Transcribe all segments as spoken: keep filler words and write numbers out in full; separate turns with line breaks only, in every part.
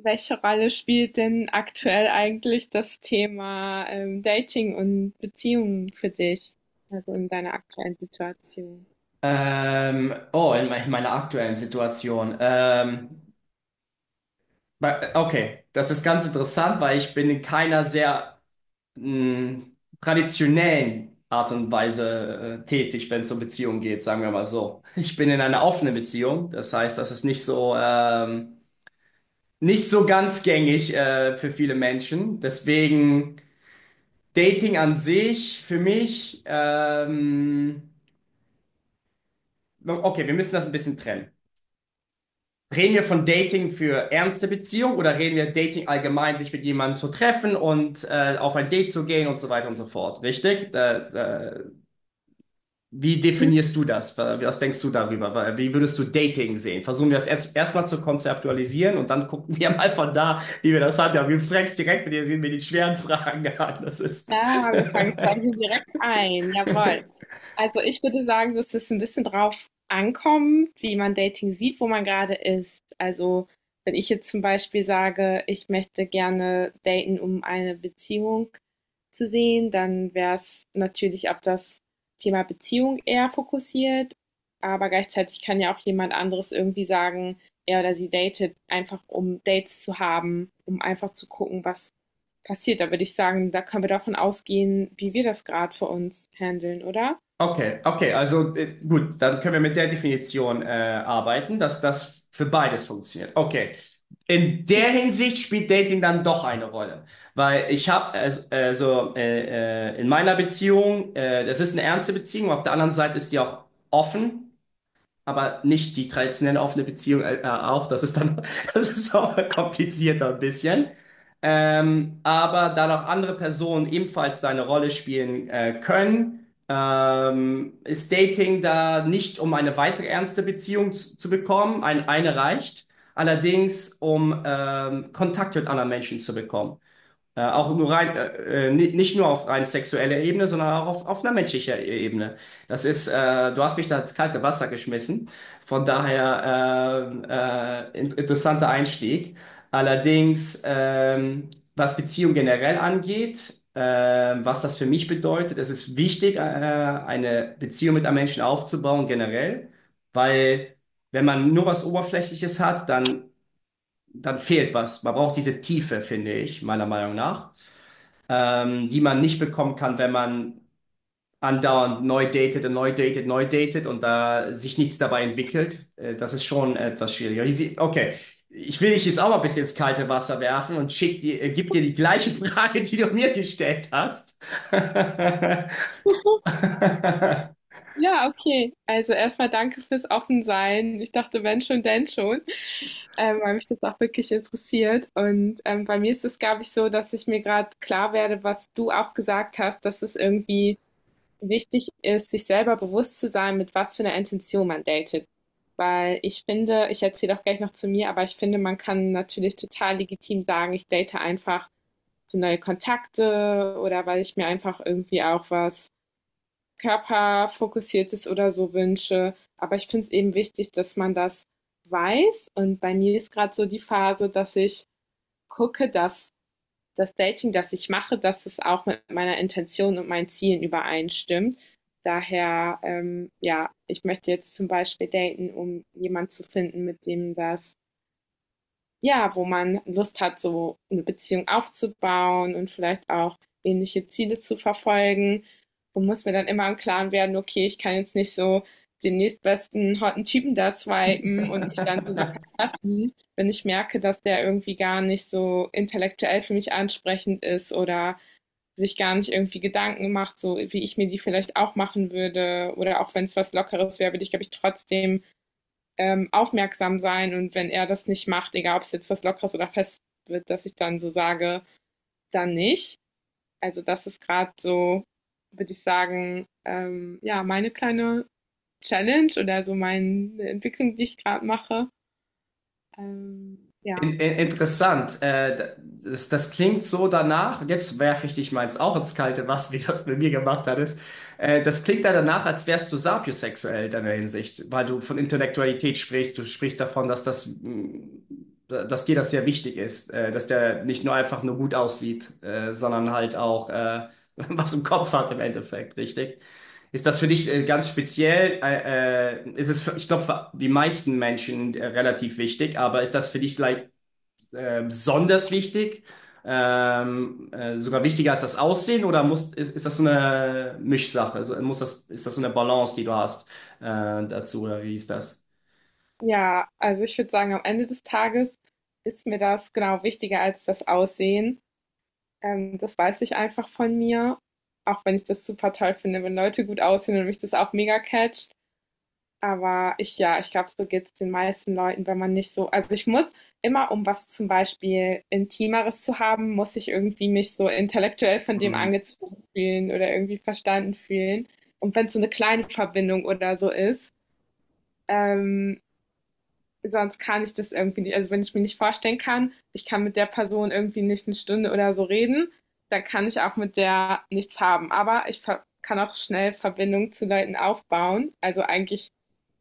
Welche Rolle spielt denn aktuell eigentlich das Thema, ähm, Dating und Beziehungen für dich, also in deiner aktuellen Situation?
Ähm, oh, in, me in meiner aktuellen Situation. Ähm, bei- okay, das ist ganz interessant, weil ich bin in keiner sehr mh, traditionellen Art und Weise äh, tätig, wenn es um Beziehungen geht, sagen wir mal so. Ich bin in einer offenen Beziehung, das heißt, das ist nicht so ähm, nicht so ganz gängig äh, für viele Menschen. Deswegen Dating an sich für mich. Ähm, okay, wir müssen das ein bisschen trennen. Reden wir von Dating für ernste Beziehung oder reden wir Dating allgemein, sich mit jemandem zu treffen und äh, auf ein Date zu gehen und so weiter und so fort? Richtig? Da, da, wie definierst du das? Was denkst du darüber? Wie würdest du Dating sehen? Versuchen wir das erst erstmal zu konzeptualisieren und dann gucken wir mal von da, wie wir das haben. Ja, wir fragst direkt mit den, mit den schweren Fragen an. Das ist.
Ja, wir fangen quasi direkt ein. Jawohl. Also ich würde sagen, dass es ein bisschen drauf ankommt, wie man Dating sieht, wo man gerade ist. Also wenn ich jetzt zum Beispiel sage, ich möchte gerne daten, um eine Beziehung zu sehen, dann wäre es natürlich auf das Thema Beziehung eher fokussiert. Aber gleichzeitig kann ja auch jemand anderes irgendwie sagen, er oder sie datet einfach, um Dates zu haben, um einfach zu gucken, was passiert. Da würde ich sagen, da können wir davon ausgehen, wie wir das gerade für uns handeln, oder?
Okay, okay, also äh, gut, dann können wir mit der Definition äh, arbeiten, dass das für beides funktioniert. Okay, in
Ja.
der Hinsicht spielt Dating dann doch eine Rolle, weil ich habe also also, äh, äh, in meiner Beziehung, äh, das ist eine ernste Beziehung, auf der anderen Seite ist die auch offen, aber nicht die traditionelle offene Beziehung äh, äh, auch. Das ist dann, das ist auch komplizierter ein bisschen. Ähm, aber da noch andere Personen ebenfalls da eine Rolle spielen äh, können, ähm, ist Dating da nicht, um eine weitere ernste Beziehung zu, zu bekommen. Ein, eine reicht. Allerdings, um ähm, Kontakt mit anderen Menschen zu bekommen. Äh, auch nur rein, äh, äh, ni- nicht nur auf rein sexueller Ebene, sondern auch auf, auf einer menschlicher Ebene. Das ist, äh, du hast mich da ins kalte Wasser geschmissen. Von daher ähm, äh, in, interessanter Einstieg. Allerdings, ähm, was Beziehung generell angeht, ähm, was das für mich bedeutet, es ist wichtig, äh, eine Beziehung mit einem Menschen aufzubauen, generell, weil wenn man nur was Oberflächliches hat, dann, dann fehlt was. Man braucht diese Tiefe, finde ich, meiner Meinung nach ähm, die man nicht bekommen kann, wenn man andauernd neu datet und neu datet, neu datet und da sich nichts dabei entwickelt. Äh, das ist schon etwas schwieriger. Hier sie- Okay, ich will dich jetzt auch mal ein bisschen ins kalte Wasser werfen und schick dir, äh, gib dir die gleiche Frage, die du mir gestellt hast.
Ja, okay. Also erstmal danke fürs Offensein. Ich dachte, wenn schon, denn schon, ähm, weil mich das auch wirklich interessiert. Und ähm, bei mir ist es, glaube ich, so, dass ich mir gerade klar werde, was du auch gesagt hast, dass es irgendwie wichtig ist, sich selber bewusst zu sein, mit was für einer Intention man datet. Weil ich finde, ich erzähle auch gleich noch zu mir, aber ich finde, man kann natürlich total legitim sagen, ich date einfach für neue Kontakte oder weil ich mir einfach irgendwie auch was körperfokussiertes oder so wünsche. Aber ich finde es eben wichtig, dass man das weiß. Und bei mir ist gerade so die Phase, dass ich gucke, dass das Dating, das ich mache, dass es auch mit meiner Intention und meinen Zielen übereinstimmt. Daher, ähm, ja, ich möchte jetzt zum Beispiel daten, um jemanden zu finden, mit dem das ja, wo man Lust hat, so eine Beziehung aufzubauen und vielleicht auch ähnliche Ziele zu verfolgen und muss mir dann immer im Klaren werden, okay, ich kann jetzt nicht so den nächstbesten hotten Typen da swipen und mich dann so sogar treffen, wenn ich merke, dass der irgendwie gar nicht so intellektuell für mich ansprechend ist oder sich gar nicht irgendwie Gedanken macht, so wie ich mir die vielleicht auch machen würde. Oder auch wenn es was Lockeres wäre, würde ich, glaube ich, trotzdem ähm, aufmerksam sein und wenn er das nicht macht, egal ob es jetzt was Lockeres oder fest wird, dass ich dann so sage, dann nicht. Also das ist gerade so, würde ich sagen, ähm, ja, meine kleine Challenge oder so meine Entwicklung, die ich gerade mache. Ähm, ja.
In, in, interessant. Äh, das, das klingt so danach, und jetzt werfe ich dich meins auch ins kalte Wasser, wie du das mit mir gemacht hattest. Äh, das klingt ja danach, als wärst du sapiosexuell in deiner Hinsicht, weil du von Intellektualität sprichst. Du sprichst davon, dass das, mh, dass dir das sehr wichtig ist, äh, dass der nicht nur einfach nur gut aussieht, äh, sondern halt auch äh, was im Kopf hat im Endeffekt, richtig? Ist das für dich äh, ganz speziell? Äh, äh, ist es für, ich glaube, für die meisten Menschen äh, relativ wichtig, aber ist das für dich like, äh, besonders wichtig? Ähm, äh, sogar wichtiger als das Aussehen oder muss, ist, ist das so eine Mischsache? Also muss das, ist das so eine Balance, die du hast äh, dazu oder wie ist das?
Ja, also ich würde sagen, am Ende des Tages ist mir das genau wichtiger als das Aussehen. Ähm, das weiß ich einfach von mir. Auch wenn ich das super toll finde, wenn Leute gut aussehen und mich das auch mega catcht. Aber ich ja, ich glaube, so geht es den meisten Leuten, wenn man nicht so also ich muss immer, um was zum Beispiel Intimeres zu haben, muss ich irgendwie mich so intellektuell von dem angezogen fühlen oder irgendwie verstanden fühlen. Und wenn es so eine kleine Verbindung oder so ist, ähm, sonst kann ich das irgendwie nicht also wenn ich mir nicht vorstellen kann, ich kann mit der Person irgendwie nicht eine Stunde oder so reden, dann kann ich auch mit der nichts haben. Aber ich ver kann auch schnell Verbindung zu Leuten aufbauen. Also eigentlich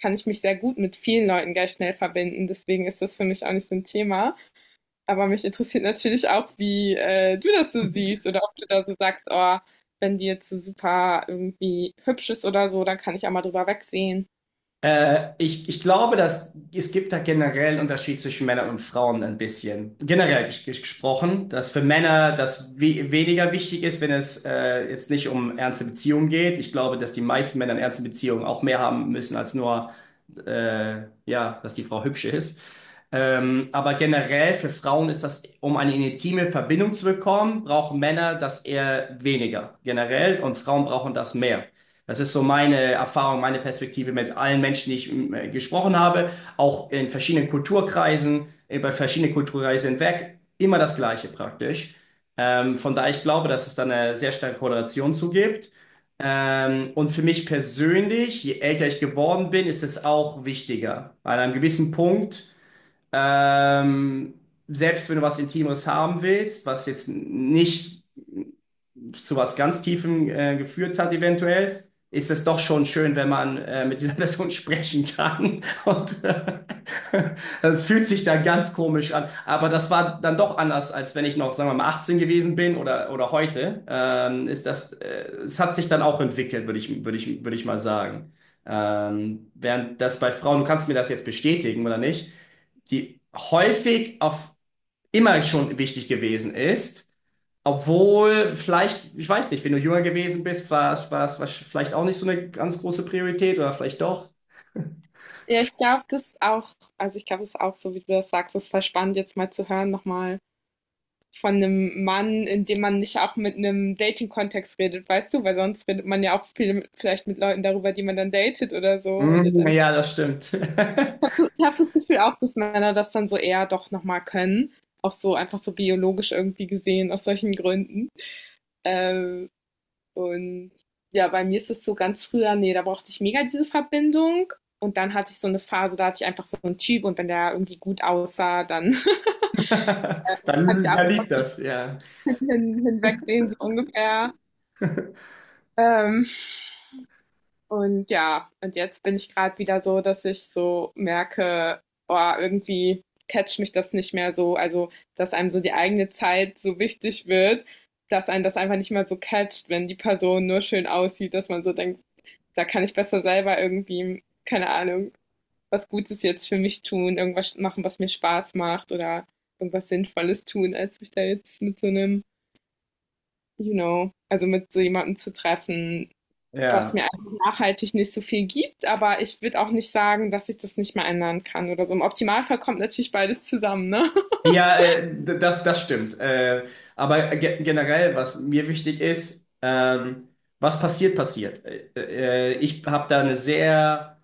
kann ich mich sehr gut mit vielen Leuten gleich schnell verbinden. Deswegen ist das für mich auch nicht so ein Thema. Aber mich interessiert natürlich auch, wie äh, du das so siehst oder ob du da so sagst, oh, wenn die jetzt so super irgendwie hübsch ist oder so, dann kann ich auch mal drüber wegsehen.
Äh, ich, ich glaube, dass es gibt da generell einen Unterschied zwischen Männern und Frauen ein bisschen. Generell ges ges- gesprochen, dass für Männer das we weniger wichtig ist, wenn es äh, jetzt nicht um ernste Beziehungen geht. Ich glaube, dass die meisten Männer in ernsten Beziehungen auch mehr haben müssen als nur, äh, ja, dass die Frau hübsch ist. Ähm, aber generell für Frauen ist das, um eine intime Verbindung zu bekommen, brauchen Männer das eher weniger generell und Frauen brauchen das mehr. Das ist so meine Erfahrung, meine Perspektive mit allen Menschen, die ich äh, gesprochen habe, auch in verschiedenen Kulturkreisen, über verschiedene Kulturkreise hinweg, immer das Gleiche praktisch. Ähm, von daher, ich glaube, dass es da eine sehr starke Korrelation zu gibt. Ähm, und für mich persönlich, je älter ich geworden bin, ist es auch wichtiger. An einem gewissen Punkt, ähm, selbst wenn du was Intimeres haben willst, was jetzt nicht zu was ganz Tiefem äh, geführt hat, eventuell, ist es doch schon schön, wenn man äh, mit dieser Person sprechen kann. Und es äh, fühlt sich dann ganz komisch an. Aber das war dann doch anders, als wenn ich noch, sagen wir mal, achtzehn gewesen bin oder, oder heute. Ähm, ist das, äh, es hat sich dann auch entwickelt, würde ich, würde ich, würde ich mal sagen. Ähm, während das bei Frauen, du kannst mir das jetzt bestätigen oder nicht, die häufig auf immer schon wichtig gewesen ist. Obwohl, vielleicht, ich weiß nicht, wenn du jünger gewesen bist, war es war es war es vielleicht auch nicht so eine ganz große Priorität oder vielleicht doch.
Ja, ich glaube, das ist auch, also ich glaube, das ist auch so, wie du das sagst, das ist voll spannend, jetzt mal zu hören nochmal von einem Mann, in dem man nicht auch mit einem Dating-Kontext redet, weißt du, weil sonst redet man ja auch viel, mit, vielleicht mit Leuten darüber, die man dann datet oder so und jetzt
Mm,
einfach.
ja, das stimmt.
Ich habe das Gefühl auch, dass Männer das dann so eher doch nochmal können. Auch so einfach so biologisch irgendwie gesehen, aus solchen Gründen. Ähm, und ja, bei mir ist es so ganz früher, nee, da brauchte ich mega diese Verbindung. Und dann hatte ich so eine Phase, da hatte ich einfach so einen Typ und wenn der irgendwie gut aussah, dann
Dann,
hatte ich ab
dann
und
liegt das, ja.
hin, hinwegsehen, so ungefähr. Ähm, Und ja, und jetzt bin ich gerade wieder so, dass ich so merke, oh, irgendwie catcht mich das nicht mehr so. Also, dass einem so die eigene Zeit so wichtig wird, dass einen das einfach nicht mehr so catcht, wenn die Person nur schön aussieht, dass man so denkt, da kann ich besser selber irgendwie, keine Ahnung, was Gutes jetzt für mich tun, irgendwas machen, was mir Spaß macht oder irgendwas Sinnvolles tun, als mich da jetzt mit so einem, you know, also mit so jemandem zu treffen, was
Ja,
mir einfach nachhaltig nicht so viel gibt. Aber ich würde auch nicht sagen, dass ich das nicht mehr ändern kann oder so. Im Optimalfall kommt natürlich beides zusammen, ne?
ja, äh, d- das, das stimmt. Äh, aber ge generell, was mir wichtig ist, ähm, was passiert, passiert. Äh, äh, ich habe da eine sehr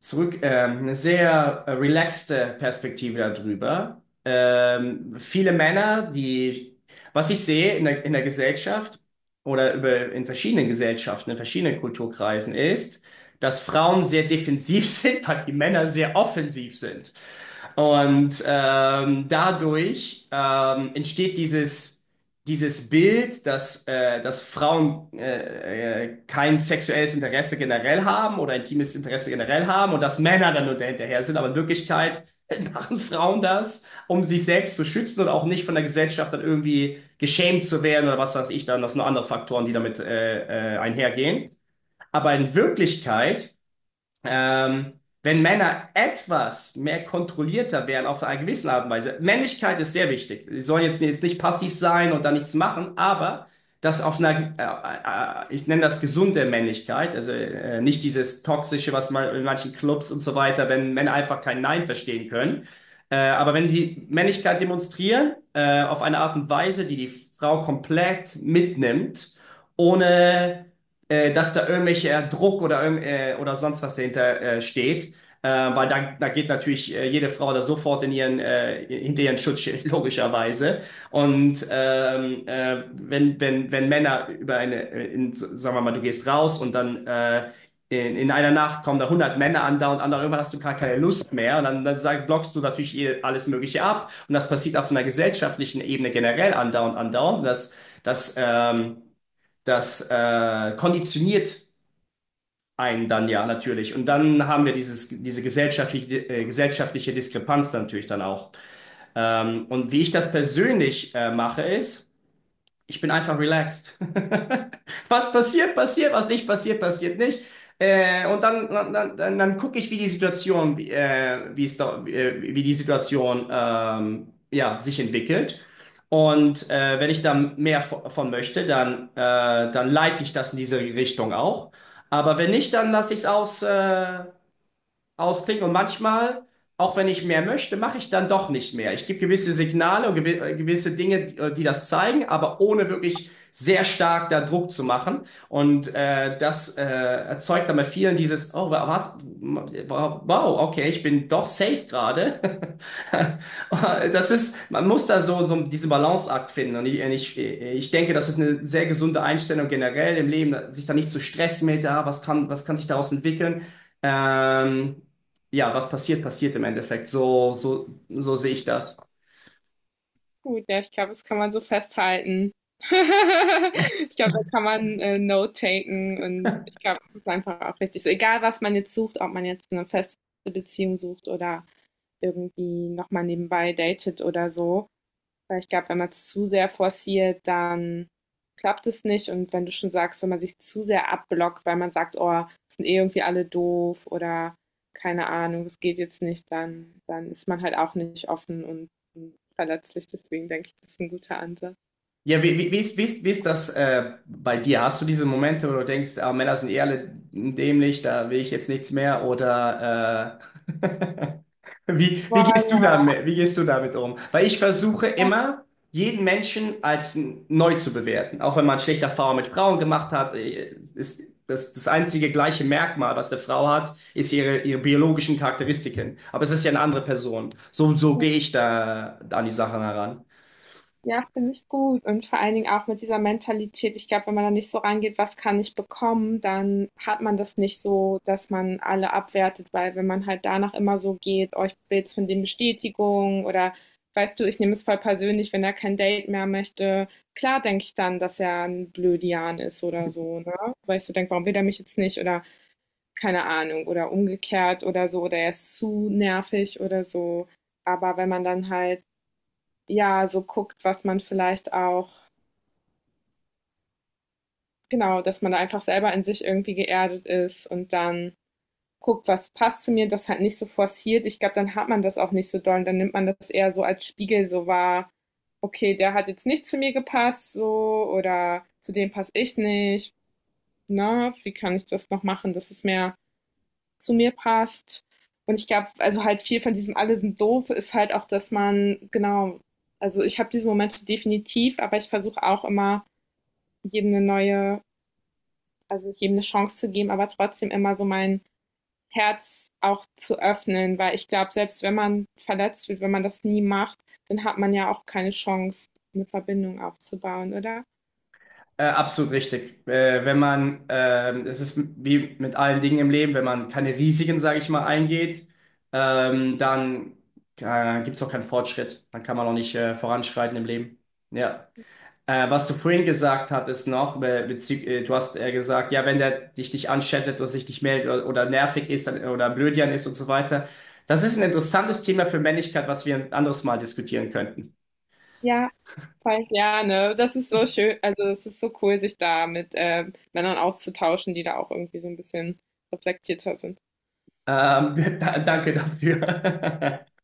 zurück, ähm, eine sehr äh, relaxte Perspektive darüber. Ähm, viele Männer, die, was ich sehe in der, in der Gesellschaft oder über, in verschiedenen Gesellschaften, in verschiedenen Kulturkreisen ist, dass Frauen sehr defensiv sind, weil die Männer sehr offensiv sind. Und ähm, dadurch ähm, entsteht dieses, dieses Bild, dass, äh, dass Frauen äh, äh, kein sexuelles Interesse generell haben oder intimes Interesse generell haben und dass Männer dann nur hinterher sind. Aber in Wirklichkeit machen Frauen das, um sich selbst zu schützen und auch nicht von der Gesellschaft dann irgendwie geschämt zu werden oder was weiß ich dann. Das sind noch andere Faktoren, die damit äh, äh, einhergehen. Aber in Wirklichkeit ähm, wenn Männer etwas mehr kontrollierter wären auf einer gewissen Art und Weise, Männlichkeit ist sehr wichtig. Sie sollen jetzt, jetzt nicht passiv sein und da nichts machen, aber das auf einer, äh, äh, ich nenne das gesunde Männlichkeit, also äh, nicht dieses toxische, was man in manchen Clubs und so weiter, wenn Männer einfach kein Nein verstehen können. Äh, aber wenn die Männlichkeit demonstrieren, äh, auf eine Art und Weise, die die Frau komplett mitnimmt, ohne äh, dass da irgendwelcher Druck oder, irgend- äh, oder sonst was dahinter äh, steht. Äh, weil da, da geht natürlich äh, jede Frau da sofort in ihren, äh, hinter ihren Schutzschild, logischerweise. Und ähm, äh, wenn, wenn, wenn Männer über eine, äh, in, so- sagen wir mal, du gehst raus und dann äh, in, in einer Nacht kommen da hundert Männer an, da und an, irgendwann hast du gar keine Lust mehr. Und dann, dann sag, blockst du natürlich eh alles Mögliche ab. Und das passiert auf einer gesellschaftlichen Ebene generell andauernd, andauernd. Das, das, ähm, das äh, konditioniert einen dann ja natürlich. Und dann haben wir dieses, diese gesellschaftliche, äh, gesellschaftliche Diskrepanz natürlich dann auch. Ähm, und wie ich das persönlich äh, mache, ist, ich bin einfach relaxed. Was passiert, passiert, was nicht passiert, passiert nicht. Äh, und dann, dann, dann, dann dann gucke ich, wie die Situation, wie, äh, wie, es da, äh, wie die Situation ähm, ja, sich entwickelt. Und äh, wenn ich da mehr vo- von möchte, dann, äh, dann leite ich das in diese Richtung auch. Aber wenn nicht, dann lasse ich es aus, äh, ausklingt. Und manchmal, auch wenn ich mehr möchte, mache ich dann doch nicht mehr. Ich gebe gewisse Signale und gewi- äh, gewisse Dinge, die, äh, die das zeigen, aber ohne wirklich sehr stark da Druck zu machen. Und äh, das äh, erzeugt dann bei vielen dieses, oh, wa- warte, wow, okay, ich bin doch safe gerade. Das ist, man muss da so, so diesen Balanceakt finden. Und ich, ich, ich denke, das ist eine sehr gesunde Einstellung generell im Leben, sich da nicht zu stressen mit, ah, was kann, was kann sich daraus entwickeln. Ähm, ja, was passiert, passiert im Endeffekt. So, so, so sehe ich das.
Gut, ja, ich glaube, das kann man so festhalten. Ich glaube, da kann man äh, Note taken und ich glaube, das ist einfach auch richtig. So, egal, was man jetzt sucht, ob man jetzt eine feste Beziehung sucht oder irgendwie nochmal nebenbei datet oder so. Weil ich glaube, wenn man es zu sehr forciert, dann klappt es nicht. Und wenn du schon sagst, wenn man sich zu sehr abblockt, weil man sagt, oh, sind eh irgendwie alle doof oder keine Ahnung, es geht jetzt nicht, dann, dann ist man halt auch nicht offen und, und verletzlich. Deswegen denke ich, das ist ein guter Ansatz.
Ja, wie, wie, wie ist, wie ist, wie ist das äh, bei dir? Hast du diese Momente, wo du denkst, ah, Männer sind eh alle dämlich, da will ich jetzt nichts mehr? Oder äh, Wie, wie gehst du
Voilà.
damit, wie gehst du damit um? Weil ich versuche immer, jeden Menschen als n- neu zu bewerten. Auch wenn man schlechte Erfahrungen mit Frauen gemacht hat, äh, ist das, das einzige gleiche Merkmal, was eine Frau hat, ist ihre, ihre biologischen Charakteristiken. Aber es ist ja eine andere Person. So, so gehe ich da an die Sachen heran.
Ja, finde ich gut. Und vor allen Dingen auch mit dieser Mentalität. Ich glaube, wenn man da nicht so rangeht, was kann ich bekommen, dann hat man das nicht so, dass man alle abwertet, weil wenn man halt danach immer so geht, euch oh, von dem Bestätigung oder weißt du, ich nehme es voll persönlich, wenn er kein Date mehr möchte, klar denke ich dann, dass er ein Blödian ist oder so, ne? Weil ich so denke, warum will er mich jetzt nicht oder keine Ahnung oder umgekehrt oder so oder er ist zu nervig oder so. Aber wenn man dann halt ja, so guckt, was man vielleicht auch, genau, dass man da einfach selber in sich irgendwie geerdet ist und dann guckt, was passt zu mir, das halt nicht so forciert. Ich glaube, dann hat man das auch nicht so doll und dann nimmt man das eher so als Spiegel so wahr. Okay, der hat jetzt nicht zu mir gepasst, so, oder zu dem passe ich nicht. Ne, wie kann ich das noch machen, dass es mehr zu mir passt? Und ich glaube, also halt viel von diesem alle sind doof ist halt auch, dass man, genau, also ich habe diese Momente definitiv, aber ich versuche auch immer jedem eine neue, also jedem eine Chance zu geben, aber trotzdem immer so mein Herz auch zu öffnen, weil ich glaube, selbst wenn man verletzt wird, wenn man das nie macht, dann hat man ja auch keine Chance, eine Verbindung aufzubauen, oder?
Äh, absolut richtig. Äh, wenn man, ähm, es ist wie mit allen Dingen im Leben, wenn man keine Risiken, sage ich mal, eingeht, ähm, dann äh, gibt es auch keinen Fortschritt. Dann kann man auch nicht äh, voranschreiten im Leben. Ja. Äh, was du vorhin gesagt hattest noch, be bezü- äh, du hast äh, gesagt, ja, wenn der dich nicht anschattet oder sich nicht meldet oder, oder nervig ist dann, oder blödian ist und so weiter. Das ist ein interessantes Thema für Männlichkeit, was wir ein anderes Mal diskutieren könnten.
Ja, voll gerne. Das ist so schön, also es ist so cool, sich da mit äh, Männern auszutauschen, die da auch irgendwie so ein bisschen reflektierter sind.
Ähm, da, danke dafür.